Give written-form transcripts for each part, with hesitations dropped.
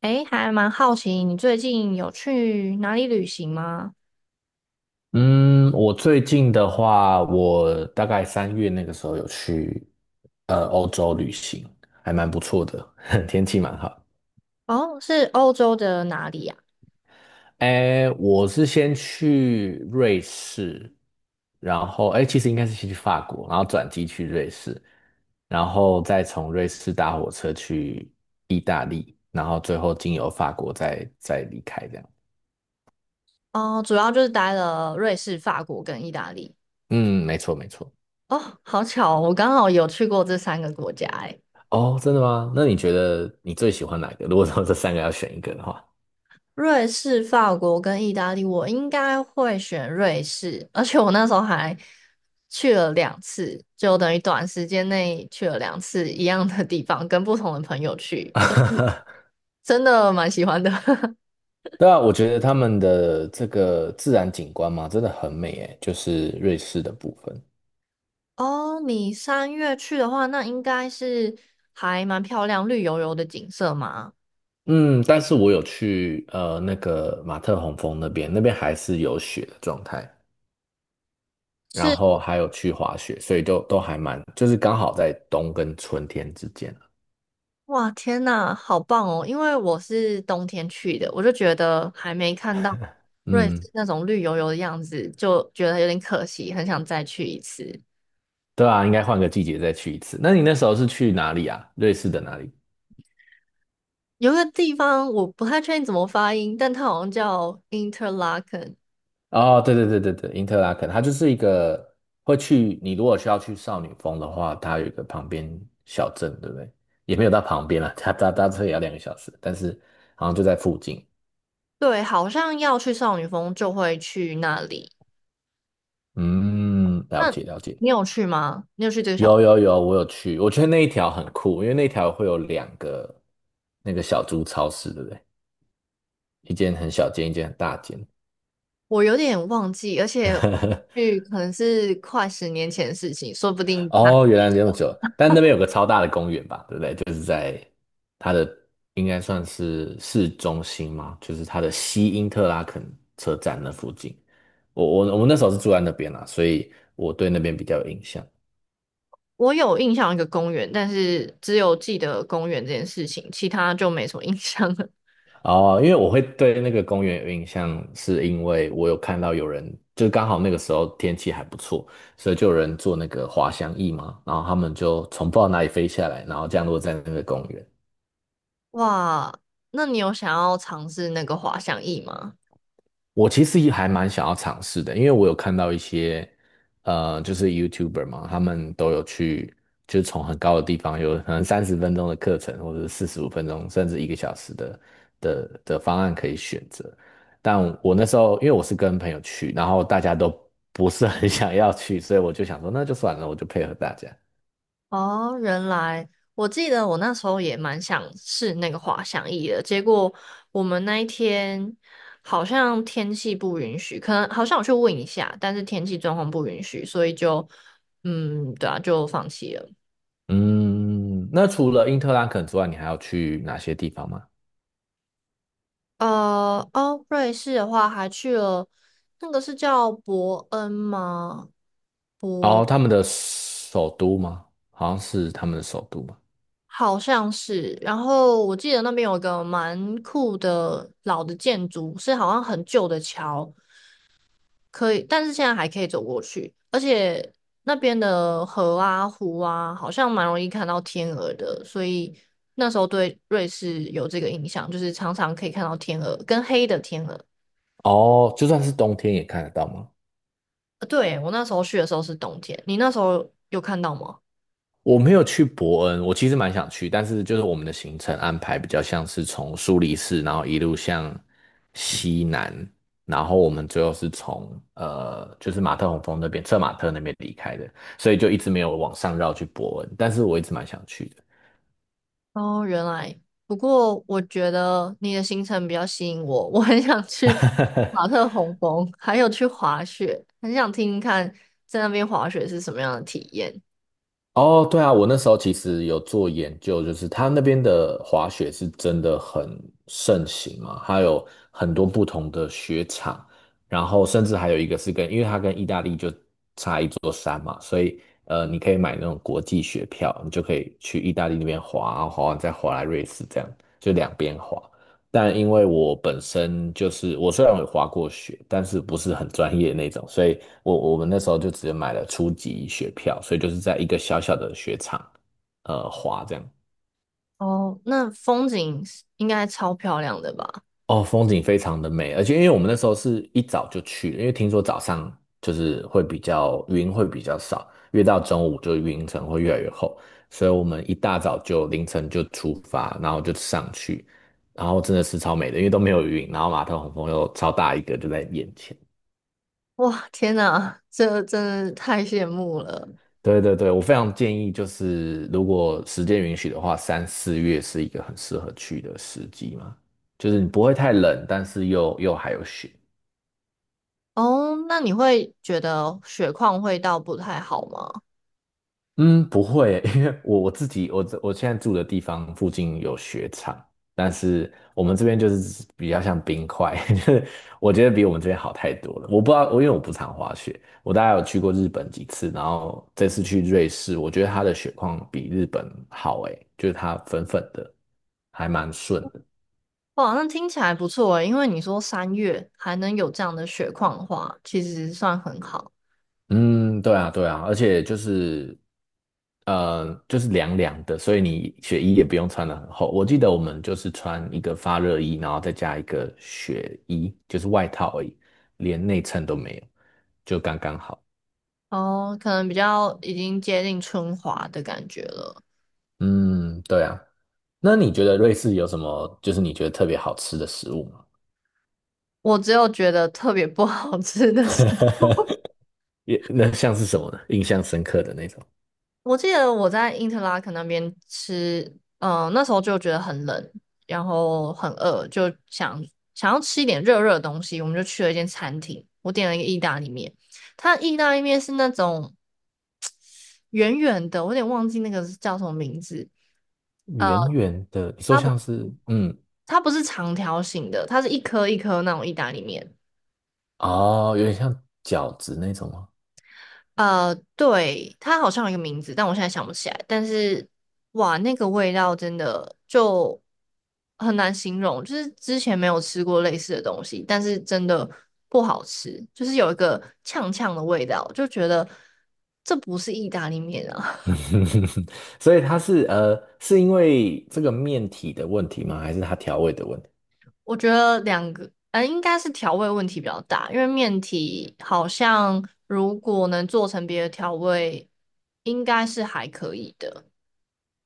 诶，还蛮好奇，你最近有去哪里旅行吗？嗯，我最近的话，我大概3月那个时候有去欧洲旅行，还蛮不错的，天气蛮好。哦，是欧洲的哪里呀？哎，我是先去瑞士，然后哎，其实应该是先去法国，然后转机去瑞士，然后再从瑞士搭火车去意大利，然后最后经由法国再离开这样。哦，主要就是待了瑞士、法国跟意大利。嗯，没错没错。哦，好巧哦，我刚好有去过这三个国家。诶，哦，真的吗？那你觉得你最喜欢哪一个？如果说这三个要选一个的话。瑞士、法国跟意大利，我应该会选瑞士，而且我那时候还去了两次，就等于短时间内去了两次一样的地方，跟不同的朋友去，所以 真的蛮喜欢的。对啊，我觉得他们的这个自然景观嘛，真的很美诶，就是瑞士的部分。哦，你3月去的话，那应该是还蛮漂亮、绿油油的景色嘛。嗯，但是我有去那个马特洪峰那边，那边还是有雪的状态，然是，后还有去滑雪，所以就都还蛮，就是刚好在冬跟春天之间。哇，天呐，好棒哦！因为我是冬天去的，我就觉得还没看到瑞士嗯，那种绿油油的样子，就觉得有点可惜，很想再去一次。对啊，应该换个季节再去一次。那你那时候是去哪里啊？瑞士的哪里？有一个地方我不太确定怎么发音，但它好像叫 Interlaken，哦，对对对对对，因特拉肯，它就是一个会去，你如果需要去少女峰的话，它有一个旁边小镇，对不对？也没有到旁边了，它搭车也要2个小时，但是好像就在附近。对，好像要去少女峰就会去那里。嗯，了那解了解，你有去吗？你有去这个有小？有有，我有去，我觉得那一条很酷，因为那条会有两个那个小猪超市，对不对？一间很小间，一间很大间。我有点忘记，而且去可能是快10年前的事情，说不定他哦，原来这么久，但那边有个超大的公园吧，对不对？就是在它的应该算是市中心嘛，就是它的西因特拉肯车站那附近。我们那时候是住在那边啦，所以我对那边比较有印象。我有印象一个公园，但是只有记得公园这件事情，其他就没什么印象了。哦，因为我会对那个公园有印象，是因为我有看到有人，就刚好那个时候天气还不错，所以就有人坐那个滑翔翼嘛，然后他们就从不知道哪里飞下来，然后降落在那个公园。哇，那你有想要尝试那个滑翔翼吗？我其实也还蛮想要尝试的，因为我有看到一些，就是 YouTuber 嘛，他们都有去，就是从很高的地方，有可能30分钟的课程，或者是45分钟，甚至1个小时的方案可以选择。但我那时候，因为我是跟朋友去，然后大家都不是很 想要去，所以我就想说，那就算了，我就配合大家。哦，原来我记得我那时候也蛮想试那个滑翔翼的，结果我们那一天好像天气不允许，可能好像我去问一下，但是天气状况不允许，所以就嗯，对啊，就放弃了。嗯，那除了因特兰肯之外，你还要去哪些地方吗？呃，哦，瑞士的话还去了那个是叫伯恩吗？哦，伯他们的首都吗？好像是他们的首都吗？好像是，然后我记得那边有一个蛮酷的老的建筑，是好像很旧的桥。可以，但是现在还可以走过去，而且那边的河啊、湖啊，好像蛮容易看到天鹅的，所以那时候对瑞士有这个印象，就是常常可以看到天鹅跟黑的天鹅。哦，就算是冬天也看得到吗？呃对，我那时候去的时候是冬天，你那时候有看到吗？我没有去伯恩，我其实蛮想去，但是就是我们的行程安排比较像是从苏黎世，然后一路向西南，然后我们最后是从就是马特洪峰那边，策马特那边离开的，所以就一直没有往上绕去伯恩，但是我一直蛮想去的。哦，原来，不过我觉得你的行程比较吸引我，我很想去 马 特洪峰，还有去滑雪，很想听听看在那边滑雪是什么样的体验。哦，对啊，我那时候其实有做研究，就是他那边的滑雪是真的很盛行嘛，它有很多不同的雪场，然后甚至还有一个是跟，因为它跟意大利就差一座山嘛，所以你可以买那种国际雪票，你就可以去意大利那边滑，然后滑完再滑来瑞士，这样就两边滑。但因为我本身就是我虽然有滑过雪，但是不是很专业那种，所以我们那时候就直接买了初级雪票，所以就是在一个小小的雪场，滑这样。哦，那风景是应该超漂亮的吧？哦，风景非常的美，而且因为我们那时候是一早就去了因为听说早上就是会比较云会比较少，越到中午就云层会越来越厚，所以我们一大早就凌晨就出发，然后就上去，然后真的是超美的，因为都没有云，然后马特洪峰又超大一个就在眼前。哇，天哪，这真的太羡慕了。对对对，我非常建议，就是如果时间允许的话，三四月是一个很适合去的时机嘛，就是你不会太冷，但是又还有雪。哦，那你会觉得雪况会到不太好吗？嗯，不会，因为我自己，我现在住的地方附近有雪场，但是我们这边就是比较像冰块，就是我觉得比我们这边好太多了。我不知道，因为我不常滑雪，我大概有去过日本几次，然后这次去瑞士，我觉得它的雪况比日本好，诶，就是它粉粉的，还蛮顺的。哇，那听起来不错诶，因为你说三月还能有这样的雪况的话，其实算很好。嗯，对啊，对啊，而且就是，就是凉凉的，所以你雪衣也不用穿的很厚。我记得我们就是穿一个发热衣，然后再加一个雪衣，就是外套而已，连内衬都没有，就刚刚好。哦，可能比较已经接近春华的感觉了。嗯，对啊。那你觉得瑞士有什么就是你觉得特别好吃的食物吗？我只有觉得特别不好吃的是。也那像是什么呢？印象深刻的那种，我记得我在因特拉肯那边吃，嗯、那时候就觉得很冷，然后很饿，就想想要吃一点热热的东西，我们就去了一间餐厅，我点了一个意大利面，它的意大利面是那种圆圆的，我有点忘记那个是叫什么名字，呃，圆圆的，你说它不像是它不是长条形的，它是一颗一颗那种意大利面，哦，有点像饺子那种吗？呃，对，它好像有一个名字，但我现在想不起来。但是，哇，那个味道真的就很难形容，就是之前没有吃过类似的东西，但是真的不好吃，就是有一个呛呛的味道，就觉得这不是意大利面啊。所以它是是因为这个面体的问题吗？还是它调味的问题？我觉得两个，呃，应该是调味问题比较大，因为面体好像如果能做成别的调味，应该是还可以的。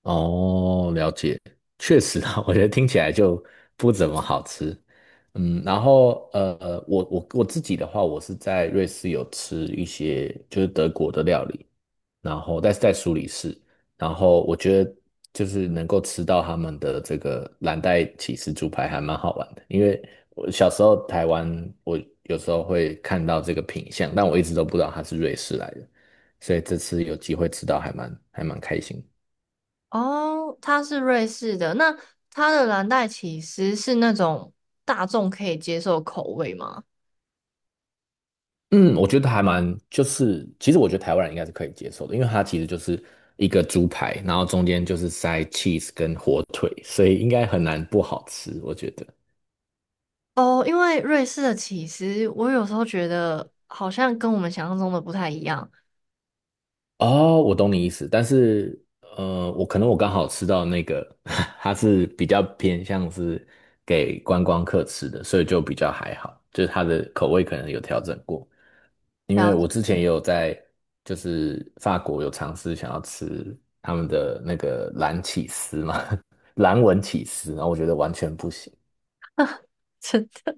哦，了解，确实啊，我觉得听起来就不怎么好吃。然后我自己的话，我是在瑞士有吃一些就是德国的料理，然后但是在苏黎世，然后我觉得就是能够吃到他们的这个蓝带起司猪排还蛮好玩的，因为我小时候台湾我有时候会看到这个品相，但我一直都不知道它是瑞士来的，所以这次有机会吃到还蛮开心的。哦，它是瑞士的，那它的蓝带起司是那种大众可以接受的口味吗？嗯，我觉得还蛮，就是其实我觉得台湾人应该是可以接受的，因为它其实就是一个猪排，然后中间就是塞 cheese 跟火腿，所以应该很难不好吃，我觉得。哦，因为瑞士的起司，我有时候觉得好像跟我们想象中的不太一样。哦，我懂你意思，但是我可能我刚好吃到那个，它是比较偏向是给观光客吃的，所以就比较还好，就是它的口味可能有调整过。因然为后，我之前也有在就是法国有尝试想要吃他们的那个蓝起司嘛，蓝纹起司，然后我觉得完全不行。真的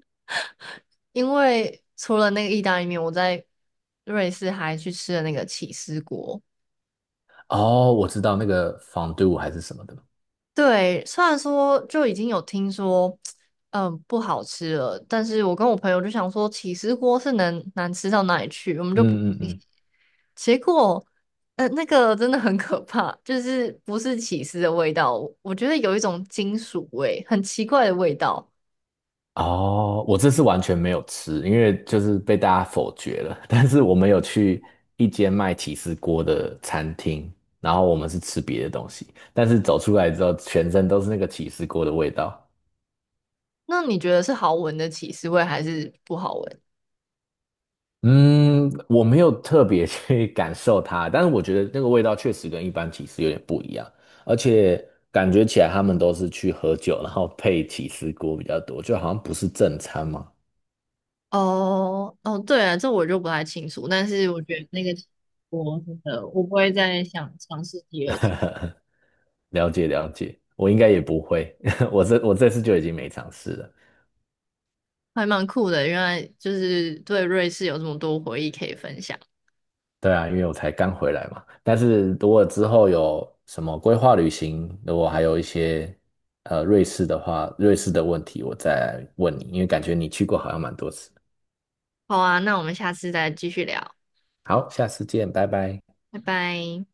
因为除了那个意大利面，我在瑞士还去吃了那个起司锅。哦，我知道那个 fond 还是什么的。对，虽然说就已经有听说，嗯，不好吃了，但是我跟我朋友就想说，起司锅是能难吃到哪里去，我们就不嗯嗯信，嗯。结果，那个真的很可怕，就是不是起司的味道，我觉得有一种金属味，很奇怪的味道。哦，我这次完全没有吃，因为就是被大家否决了。但是我们有去一间卖起司锅的餐厅，然后我们是吃别的东西，但是走出来之后，全身都是那个起司锅的味道。那你觉得是好闻的起司味还是不好闻？嗯，我没有特别去 感受它，但是我觉得那个味道确实跟一般起司有点不一样，而且感觉起来他们都是去喝酒，然后配起司锅比较多，就好像不是正餐嘛。哦哦，对啊，这我就不太清楚，但是我觉得那个我真的我不会再想尝试第二次。了解了解，我应该也不会，我这次就已经没尝试了。还蛮酷的，原来就是对瑞士有这么多回忆可以分享。对啊，因为我才刚回来嘛。但是如果之后有什么规划旅行，如果还有一些瑞士的话，瑞士的问题我再问你，因为感觉你去过好像蛮多次。好啊，那我们下次再继续聊，好，下次见，拜拜。拜拜。